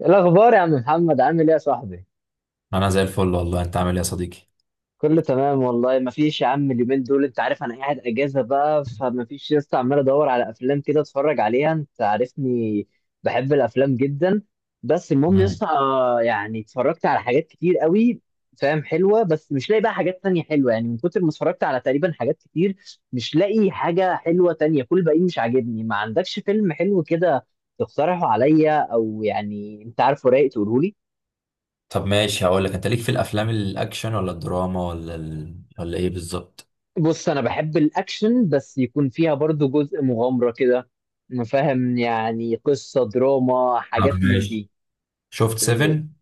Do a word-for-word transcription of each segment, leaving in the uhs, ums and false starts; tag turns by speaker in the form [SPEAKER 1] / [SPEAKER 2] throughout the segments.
[SPEAKER 1] إيه الاخبار يا عم محمد، عامل ايه يا صاحبي؟
[SPEAKER 2] انا زي الفل والله. انت عامل ايه يا صديقي؟
[SPEAKER 1] كله تمام والله. ما فيش يا عم، اليومين دول انت عارف انا قاعد اجازه بقى، فما فيش لسه، عمال ادور على افلام كده اتفرج عليها، انت عارفني بحب الافلام جدا. بس المهم
[SPEAKER 2] مم.
[SPEAKER 1] لسه يعني اتفرجت على حاجات كتير قوي، فاهم، حلوه، بس مش لاقي بقى حاجات تانية حلوه، يعني من كتر ما اتفرجت على تقريبا حاجات كتير مش لاقي حاجه حلوه تانية، كل باقي مش عاجبني. ما عندكش فيلم حلو كده تقترحه عليا، او يعني انت عارفه رايق تقوله لي.
[SPEAKER 2] طب ماشي، هقول لك. انت ليك في الافلام الاكشن ولا الدراما ولا ال... ولا ايه بالظبط؟
[SPEAKER 1] بص، انا بحب الاكشن، بس يكون فيها برضو جزء مغامرة كده، فاهم، يعني قصة دراما
[SPEAKER 2] طب
[SPEAKER 1] حاجات من دي.
[SPEAKER 2] ماشي. شفت سيفن؟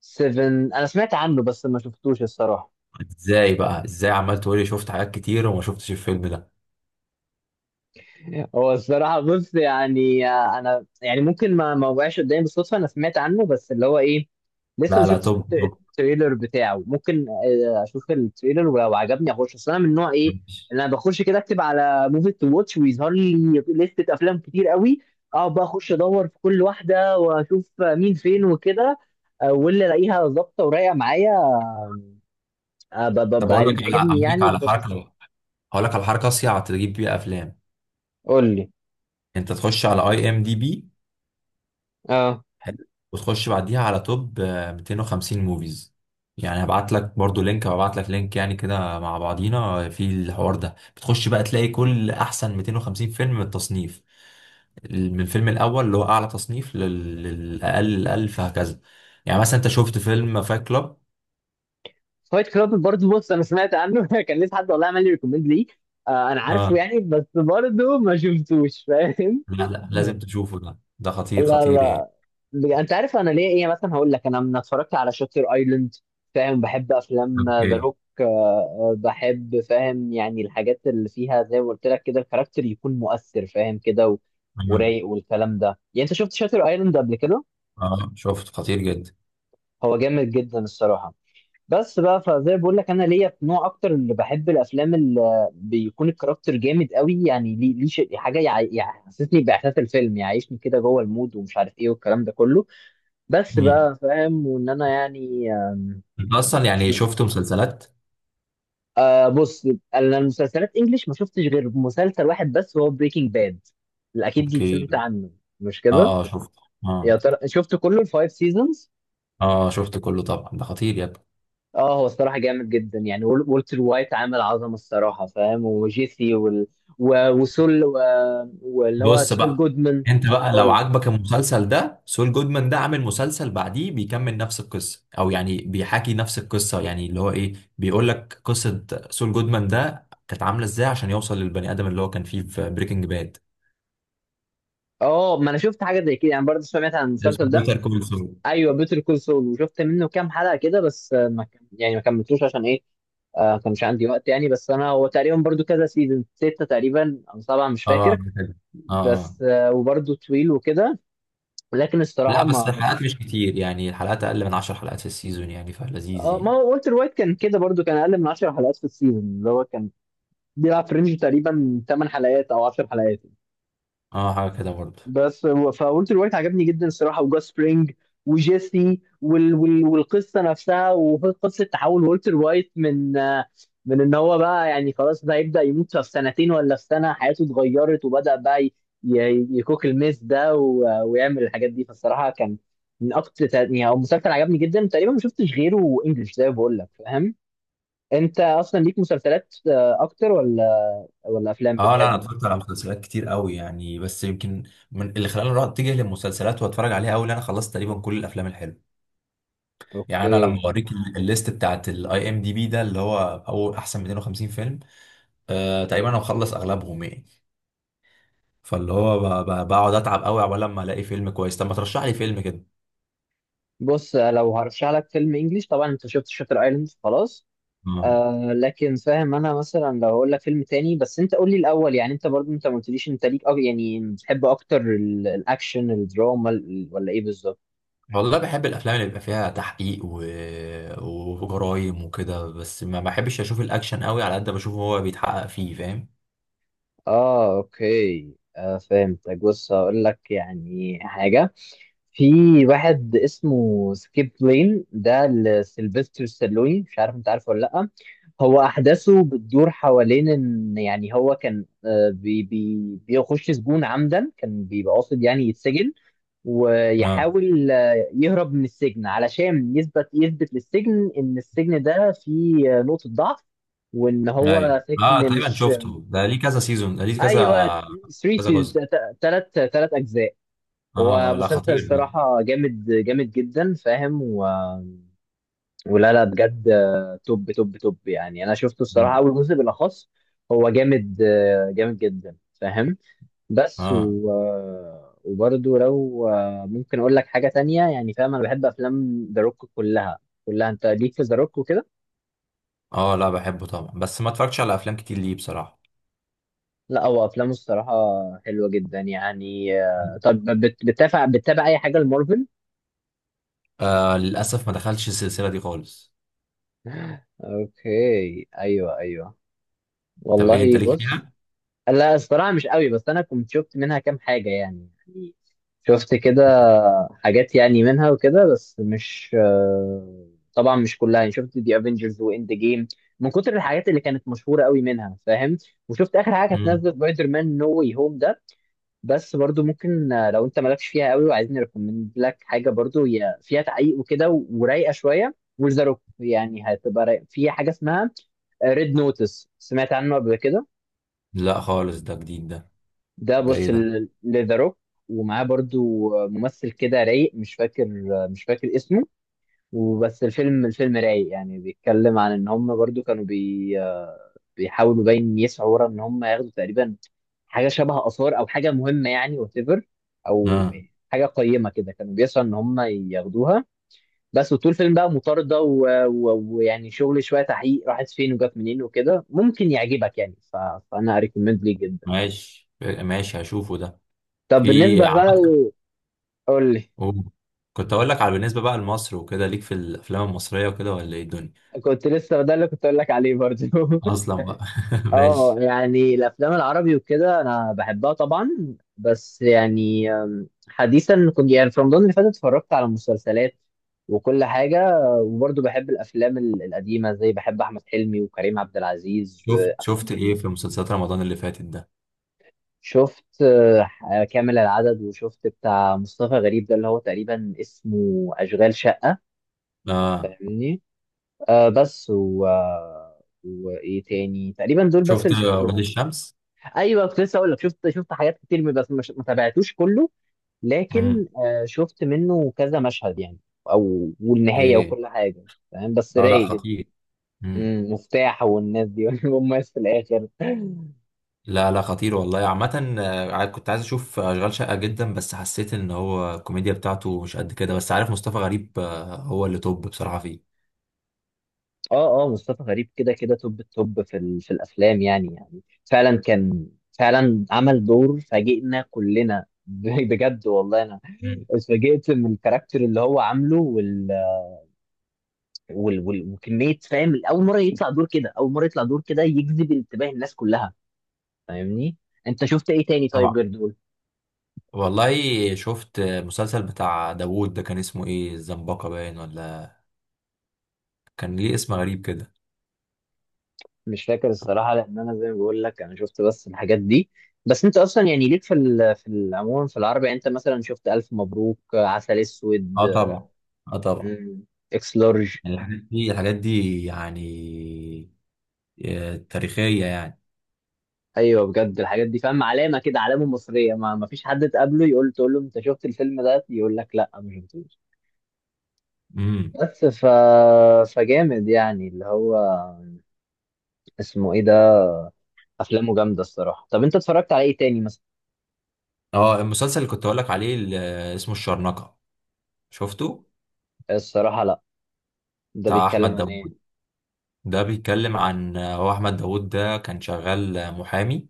[SPEAKER 1] سيفن انا سمعت عنه بس ما شفتوش الصراحة.
[SPEAKER 2] ازاي بقى ازاي عمال تقولي شفت حاجات كتير وما شفتش الفيلم ده؟
[SPEAKER 1] هو الصراحة بص يعني آه، أنا يعني ممكن ما ما وقعش قدامي بالصدفة، أنا سمعت عنه بس اللي هو إيه، لسه ما
[SPEAKER 2] لا لا،
[SPEAKER 1] شفتش الت-
[SPEAKER 2] توب توب.
[SPEAKER 1] التريلر بتاعه، ممكن آه، أشوف التريلر ولو عجبني أخش، أصل أنا من نوع إيه
[SPEAKER 2] ماشي.
[SPEAKER 1] اللي أنا بخش كده أكتب على موفي تو واتش، ويظهر لي لستة أفلام كتير قوي، أقعد بقى أخش أدور في كل واحدة وأشوف آه، مين فين وكده. آه، واللي ألاقيها ظابطة ورايقة معايا، آه، ب- ب- ب-
[SPEAKER 2] طب اقول
[SPEAKER 1] اللي
[SPEAKER 2] لك على
[SPEAKER 1] بيعجبني
[SPEAKER 2] اقول لك
[SPEAKER 1] يعني
[SPEAKER 2] على
[SPEAKER 1] بخش أشوفه.
[SPEAKER 2] حركه. هقول لك على حركه اصيع تجيب بيها افلام.
[SPEAKER 1] قول لي.
[SPEAKER 2] انت تخش على اي ام دي بي.
[SPEAKER 1] اه.
[SPEAKER 2] حلو. وتخش بعديها على توب آه، مئتين وخمسين موفيز. يعني هبعت لك برضو لينك، هبعت لك لينك، يعني كده مع بعضينا في الحوار ده. بتخش بقى تلاقي كل احسن مئتين وخمسين فيلم من التصنيف، ال- من الفيلم الاول اللي هو اعلى تصنيف لل- للاقل الاقل فهكذا. يعني مثلا انت شفت فيلم فايت كلاب؟
[SPEAKER 1] فايت كلاب، برضه بص انا سمعت عنه كان لسه حد والله عمل لي ريكومند ليه. آه انا
[SPEAKER 2] اه.
[SPEAKER 1] عارفه يعني بس برضه ما شفتوش فاهم.
[SPEAKER 2] لا لا، لازم تشوفه. ده ده خطير
[SPEAKER 1] لا
[SPEAKER 2] خطير يعني.
[SPEAKER 1] لا. بج- انت عارف انا ليه ايه، مثلا هقول لك انا من اتفرجت على شاتر ايلاند، فاهم، بحب افلام
[SPEAKER 2] اوكي.
[SPEAKER 1] ذا روك، بحب، فاهم، يعني الحاجات اللي فيها زي ما قلت لك كده الكاركتر يكون مؤثر فاهم كده و-
[SPEAKER 2] مم.
[SPEAKER 1] ورايق والكلام ده. يعني انت شفت شاتر ايلاند قبل كده؟
[SPEAKER 2] اه شفت، خطير جدا.
[SPEAKER 1] هو جامد جدا الصراحة. بس بقى فزي بقول لك انا ليا في نوع اكتر، اللي بحب الافلام اللي بيكون الكاركتر جامد قوي، يعني ليه ليه شيء- حاجه يع- يحسسني باحساس الفيلم، يعني يعيشني كده جوه المود ومش عارف ايه والكلام ده كله. بس
[SPEAKER 2] مم.
[SPEAKER 1] بقى فاهم وان انا يعني آم،
[SPEAKER 2] انت اصلا
[SPEAKER 1] أش-
[SPEAKER 2] يعني شفت مسلسلات؟
[SPEAKER 1] آه بص، انا المسلسلات انجليش ما شفتش غير مسلسل واحد بس، هو بريكنج باد، اكيد
[SPEAKER 2] اوكي.
[SPEAKER 1] سمعت عنه مش كده؟
[SPEAKER 2] اه، آه، شفت. اه.
[SPEAKER 1] يا ترى شفت كله الفايف سيزونز؟
[SPEAKER 2] اه شفت كله طبعا، ده خطير يا ابني.
[SPEAKER 1] اه، هو الصراحه جامد جدا يعني، وال- والتر وايت عامل عظمه الصراحه فاهم، وجيسي وال... و... وسول و... واللي هو
[SPEAKER 2] بص
[SPEAKER 1] سول
[SPEAKER 2] بقى،
[SPEAKER 1] جودمان.
[SPEAKER 2] انت بقى لو
[SPEAKER 1] سول.
[SPEAKER 2] عاجبك المسلسل ده، سول جودمان ده عامل مسلسل بعديه بيكمل نفس القصه، او يعني بيحكي نفس القصه، يعني اللي هو ايه، بيقول لك قصه سول جودمان ده كانت عامله ازاي عشان يوصل للبني ادم اللي هو كان فيه في بريكنج باد.
[SPEAKER 1] اه ما انا شفت حاجه زي كده يعني برضه سمعت عن المسلسل
[SPEAKER 2] اسمه
[SPEAKER 1] ده.
[SPEAKER 2] بيتر كول سول.
[SPEAKER 1] ايوه بيتر كول سول، وشفت منه كام حلقه كده بس، آه، ما كم... يعني ما كملتوش، عشان ايه؟ آه، ما كانش عندي وقت يعني. بس انا هو تقريبا برضه كذا سيزون، سته تقريبا او سبعه، مش
[SPEAKER 2] اه،
[SPEAKER 1] فاكر.
[SPEAKER 2] عامل كده. اه، آه.
[SPEAKER 1] بس آه وبرضه طويل وكده. لكن
[SPEAKER 2] لا
[SPEAKER 1] الصراحه
[SPEAKER 2] بس
[SPEAKER 1] ما.
[SPEAKER 2] الحلقات مش كتير، يعني الحلقات اقل من عشر حلقات في السيزون، يعني فلذيذ
[SPEAKER 1] اه، ما
[SPEAKER 2] يعني.
[SPEAKER 1] هو والتر وايت كان كده برضو، كان اقل من عشر حلقات في السيزون، اللي هو كان بيلعب في رينج تقريبا ثمان حلقات او عشر حلقات.
[SPEAKER 2] اه حاجه كده برضه.
[SPEAKER 1] بس فولتر وايت عجبني جدا الصراحه، وجاس سبرينج وجيسي وال... وال... والقصه نفسها، وقصه تحول والتر وايت من آه، من ان هو بقى يعني خلاص ده هيبدا يموت في سنتين ولا في سنه، حياته اتغيرت وبدا بقى ي... ي- يكوك الميس ده و... ويعمل الحاجات دي. فالصراحه كان من اكتر يعني، هو مسلسل عجبني جدا، تقريبا ما شفتش غيره انجلش زي ما بقول لك فاهم. انت اصلا ليك مسلسلات آه، اكتر، ولا ولا افلام
[SPEAKER 2] اه لا، انا
[SPEAKER 1] بتحب؟
[SPEAKER 2] اتفرجت على مسلسلات كتير قوي يعني، بس يمكن من اللي خلاني اروح اتجه للمسلسلات واتفرج عليها قوي، انا خلصت تقريبا كل الافلام الحلوه. يعني انا لما
[SPEAKER 1] اوكي.
[SPEAKER 2] اوريك ال- الليست بتاعت الاي ام دي بي ده، اللي هو اول احسن مائتين وخمسين فيلم، آه تقريبا انا مخلص اغلبهم يعني. فاللي هو ب- ب- بقعد اتعب قوي عقبال لما الاقي فيلم كويس. طب ما ترشح لي فيلم كده.
[SPEAKER 1] بص، لو هرشح لك فيلم انجليش طبعا، انت شفت شاتر ايلاند خلاص.
[SPEAKER 2] آه.
[SPEAKER 1] آه، لكن فاهم انا مثلا لو هقول لك فيلم تاني، بس انت قول لي الاول يعني، انت برضو انت ما قلتليش انت ليك، أو يعني بتحب اكتر ال- الاكشن، الدراما، ال- ولا ايه بالظبط؟
[SPEAKER 2] والله بحب الافلام اللي بيبقى فيها تحقيق و... وجرايم وكده، بس ما بحبش اشوف الاكشن قوي على قد ما بشوف هو بيتحقق فيه، فاهم؟
[SPEAKER 1] اه اوكي، آه فهمتك. بص هقول لك يعني حاجة، في واحد اسمه سكيب لين ده لسيلفستر ستالوني، مش عارف انت عارفه ولا لأ. هو أحداثه بتدور حوالين إن يعني هو كان، آه، بي بي بيخش سجون عمدا، كان بيبقى قاصد يعني يتسجن، ويحاول آه، يهرب من السجن علشان يثبت يثبت للسجن إن السجن ده فيه آه، نقطة ضعف، وإن
[SPEAKER 2] ايوه
[SPEAKER 1] هو
[SPEAKER 2] اه،
[SPEAKER 1] سجن
[SPEAKER 2] تقريبا
[SPEAKER 1] مش.
[SPEAKER 2] شفته ده، ليه كذا سيزون، ده ليه كذا
[SPEAKER 1] أيوه
[SPEAKER 2] كذا جزء.
[SPEAKER 1] ثلاثة ثلاث ثلاث أجزاء.
[SPEAKER 2] اه،
[SPEAKER 1] هو
[SPEAKER 2] آه، لا
[SPEAKER 1] مسلسل
[SPEAKER 2] خطير ده.
[SPEAKER 1] الصراحة جامد جامد جدا فاهم و... ولا لا بجد، آه، توب توب توب يعني، أنا شفته الصراحة
[SPEAKER 2] مم.
[SPEAKER 1] أول جزء بالأخص هو جامد، آه، جامد جدا فاهم. بس
[SPEAKER 2] اه
[SPEAKER 1] و... آه، وبرضه لو آه، ممكن أقول لك حاجة تانية يعني فاهم، أنا بحب أفلام ذا روك كلها، كلها. أنت ليك في ذا روك وكده؟
[SPEAKER 2] اه، لا بحبه طبعا، بس ما اتفرجتش على افلام كتير ليه بصراحه.
[SPEAKER 1] لا، هو أفلامه الصراحة حلوة جدا يعني. آه،
[SPEAKER 2] مم.
[SPEAKER 1] طب بت- بتتابع بتتابع أي حاجة لمارفل؟
[SPEAKER 2] آه للاسف ما دخلتش السلسله دي خالص.
[SPEAKER 1] أوكي أيوه أيوه،
[SPEAKER 2] طب ايه انت
[SPEAKER 1] والله
[SPEAKER 2] ليك
[SPEAKER 1] بص.
[SPEAKER 2] فيها؟
[SPEAKER 1] لا الصراحة مش قوي، بس أنا كنت شفت منها كام حاجة يعني يعني شفت كده حاجات يعني منها وكده، بس مش آه، طبعا مش كلها يعني. شفت دي افنجرز واند جيم من كتر الحاجات اللي كانت مشهورة قوي منها فاهم، وشفت آخر حاجة كانت
[SPEAKER 2] مم.
[SPEAKER 1] نازلة سبايدر مان نو واي هوم ده. بس برضو ممكن آه، لو أنت مالكش فيها قوي وعايزين نريكومند لك حاجة، برضو هي فيها تعقيق وكده و- ورايقة شوية، وذا روك يعني هتبقى رايقة. في حاجة اسمها ريد نوتس، سمعت عنه قبل كده؟
[SPEAKER 2] لا خالص، ده جديد ده.
[SPEAKER 1] ده
[SPEAKER 2] ده ايه
[SPEAKER 1] بص
[SPEAKER 2] ده؟
[SPEAKER 1] لذا روك، ومعاه برضو ممثل كده رايق، مش فاكر، مش فاكر اسمه. وبس الفيلم، الفيلم رايق يعني، بيتكلم عن ان هم برضو كانوا بي بيحاولوا باين يسعوا ورا ان هم ياخدوا تقريبا حاجه شبه اثار او حاجه مهمه، يعني وات ايفر، او
[SPEAKER 2] اه.
[SPEAKER 1] حاجه قيمه كده كانوا بيسعوا ان هم ياخدوها. بس وطول الفيلم بقى مطارده و- و- ويعني شغل شويه تحقيق، راحت فين وجت منين وكده، ممكن يعجبك يعني، ف... فانا اريكومند ليه جدا.
[SPEAKER 2] ماشي ماشي، هشوفه ده.
[SPEAKER 1] طب
[SPEAKER 2] في
[SPEAKER 1] بالنسبه
[SPEAKER 2] عم-
[SPEAKER 1] بقى، قول لي.
[SPEAKER 2] أوه. كنت اقول لك على، بالنسبه بقى لمصر وكده، ليك في الافلام المصريه وكده ولا ايه الدنيا؟
[SPEAKER 1] كنت لسه ده اللي كنت اقول لك عليه برضه
[SPEAKER 2] اصلا بقى.
[SPEAKER 1] اه
[SPEAKER 2] ماشي.
[SPEAKER 1] يعني الافلام العربي وكده انا بحبها طبعا، بس يعني أم، حديثا كنت يعني في رمضان اللي فات اتفرجت على مسلسلات وكل حاجه، وبرضه بحب الافلام ال- القديمه، زي بحب احمد حلمي وكريم عبد العزيز
[SPEAKER 2] شفت شفت ايه
[SPEAKER 1] وأفلام-
[SPEAKER 2] في مسلسلات رمضان اللي فاتت ده؟
[SPEAKER 1] شفت آه، كامل العدد، وشفت بتاع مصطفى غريب ده اللي هو تقريبا اسمه اشغال شقه،
[SPEAKER 2] اه.
[SPEAKER 1] فاهمني. آه بس و آه، وايه تاني؟ تقريبا دول بس
[SPEAKER 2] شفت
[SPEAKER 1] اللي
[SPEAKER 2] اولاد
[SPEAKER 1] شفتهم.
[SPEAKER 2] الشمس.
[SPEAKER 1] ايوه كنت لسه اقول لك، شفت شفت حاجات كتير من، بس مش، ما تابعتوش كله، لكن
[SPEAKER 2] امم.
[SPEAKER 1] آه، شفت منه كذا مشهد يعني، او والنهايه
[SPEAKER 2] ايه؟
[SPEAKER 1] وكل حاجه، فاهم، بس
[SPEAKER 2] اه لا
[SPEAKER 1] رايق جدا.
[SPEAKER 2] خطير. امم.
[SPEAKER 1] امم مفتاح والناس دي والناس في الاخر.
[SPEAKER 2] لا لا خطير والله. عامة آه، كنت عايز اشوف اشغال شقة جدا، بس حسيت ان هو الكوميديا بتاعته مش قد كده. بس عارف مصطفى غريب، آه، هو اللي توب بصراحة فيه.
[SPEAKER 1] اه اه مصطفى غريب كده كده توب، التوب في ال... في الافلام يعني يعني، فعلا كان، فعلا عمل دور فاجئنا كلنا بجد والله انا
[SPEAKER 2] مم.
[SPEAKER 1] اتفاجئت من الكاركتر اللي هو عامله وال- وال- وكميه فاهم. اول مره يطلع دور كده اول مره يطلع دور كده يجذب انتباه الناس كلها فاهمني. انت شفت ايه تاني
[SPEAKER 2] طبعا.
[SPEAKER 1] طيب غير دول؟
[SPEAKER 2] والله شفت مسلسل بتاع داوود ده، كان اسمه ايه؟ الزنبقة باين، ولا كان ليه اسم غريب كده.
[SPEAKER 1] مش فاكر الصراحه، لان انا زي ما بقول لك انا شفت بس الحاجات دي. بس انت اصلا يعني ليك في ال- في العموم في العربي يعني، انت مثلا شفت الف مبروك، عسل اسود،
[SPEAKER 2] اه طبعا. اه طبعا.
[SPEAKER 1] مم، اكس لارج.
[SPEAKER 2] يعني الحاجات دي الحاجات دي يعني آه، تاريخية يعني.
[SPEAKER 1] ايوه بجد الحاجات دي فاهم علامه كده، علامه مصريه. ما ما فيش حد تقابله يقول تقول له انت شفت الفيلم ده يقول لك لا ما شفتوش.
[SPEAKER 2] امم.
[SPEAKER 1] بس ف فجامد يعني اللي هو اسمه ايه ده، افلامه جامده الصراحه. طب انت اتفرجت على ايه تاني مثلا؟
[SPEAKER 2] اه، المسلسل اللي كنت اقول لك عليه، اللي اسمه الشرنقة، شفته؟
[SPEAKER 1] الصراحه لا، ده
[SPEAKER 2] بتاع
[SPEAKER 1] بيتكلم
[SPEAKER 2] احمد
[SPEAKER 1] عن ايه؟
[SPEAKER 2] داوود. ده بيتكلم عن، هو احمد داوود ده كان شغال محامي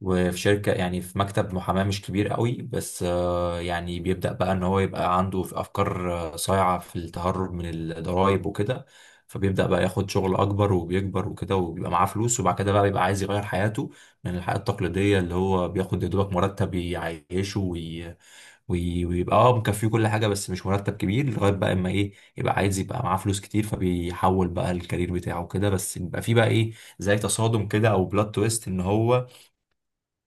[SPEAKER 2] وفي شركة، يعني في مكتب محاماة مش كبير قوي، بس آه، يعني بيبدأ بقى ان هو يبقى عنده في افكار آه، صايعة في التهرب من الضرائب وكده. فبيبدأ بقى ياخد شغل اكبر وبيكبر وكده، وبيبقى معاه فلوس، وبعد كده بقى بيبقى عايز يغير حياته، من الحياة التقليدية اللي هو بياخد يا دوبك مرتب يعيشه، وي- ويبقى اه مكفيه كل حاجه، بس مش مرتب كبير، لغايه بقى اما ايه، يبقى عايز يبقى معاه فلوس كتير. فبيحول بقى الكارير بتاعه كده، بس بيبقى فيه بقى ايه، زي تصادم كده او بلوت تويست، ان هو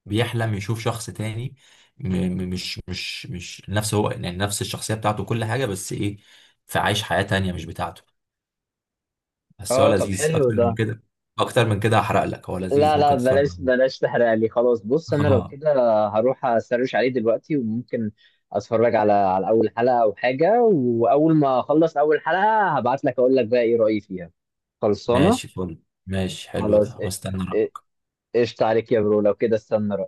[SPEAKER 2] بيحلم يشوف شخص تاني، م م- مش مش مش نفس، هو يعني نفس الشخصيه بتاعته كل حاجه، بس ايه، فعايش حياه تانيه مش بتاعته. بس هو
[SPEAKER 1] اه طب
[SPEAKER 2] لذيذ
[SPEAKER 1] حلو
[SPEAKER 2] اكتر من
[SPEAKER 1] ده.
[SPEAKER 2] كده. اكتر من كده هحرق لك. هو
[SPEAKER 1] لا
[SPEAKER 2] لذيذ،
[SPEAKER 1] لا
[SPEAKER 2] ممكن تتفرج
[SPEAKER 1] بلاش
[SPEAKER 2] عليه.
[SPEAKER 1] بلاش تحرق لي خلاص. بص انا لو
[SPEAKER 2] اه
[SPEAKER 1] كده هروح اسرش عليه دلوقتي، وممكن اتفرج على على اول حلقه او حاجه، واول ما اخلص اول حلقه هبعت لك اقول لك بقى ايه رايي فيها. خلصانه.
[SPEAKER 2] ماشي فل. ماشي حلو
[SPEAKER 1] خلاص
[SPEAKER 2] ده،
[SPEAKER 1] إ-
[SPEAKER 2] واستنى
[SPEAKER 1] إ- قشطة عليك يا برو، لو كده استنى.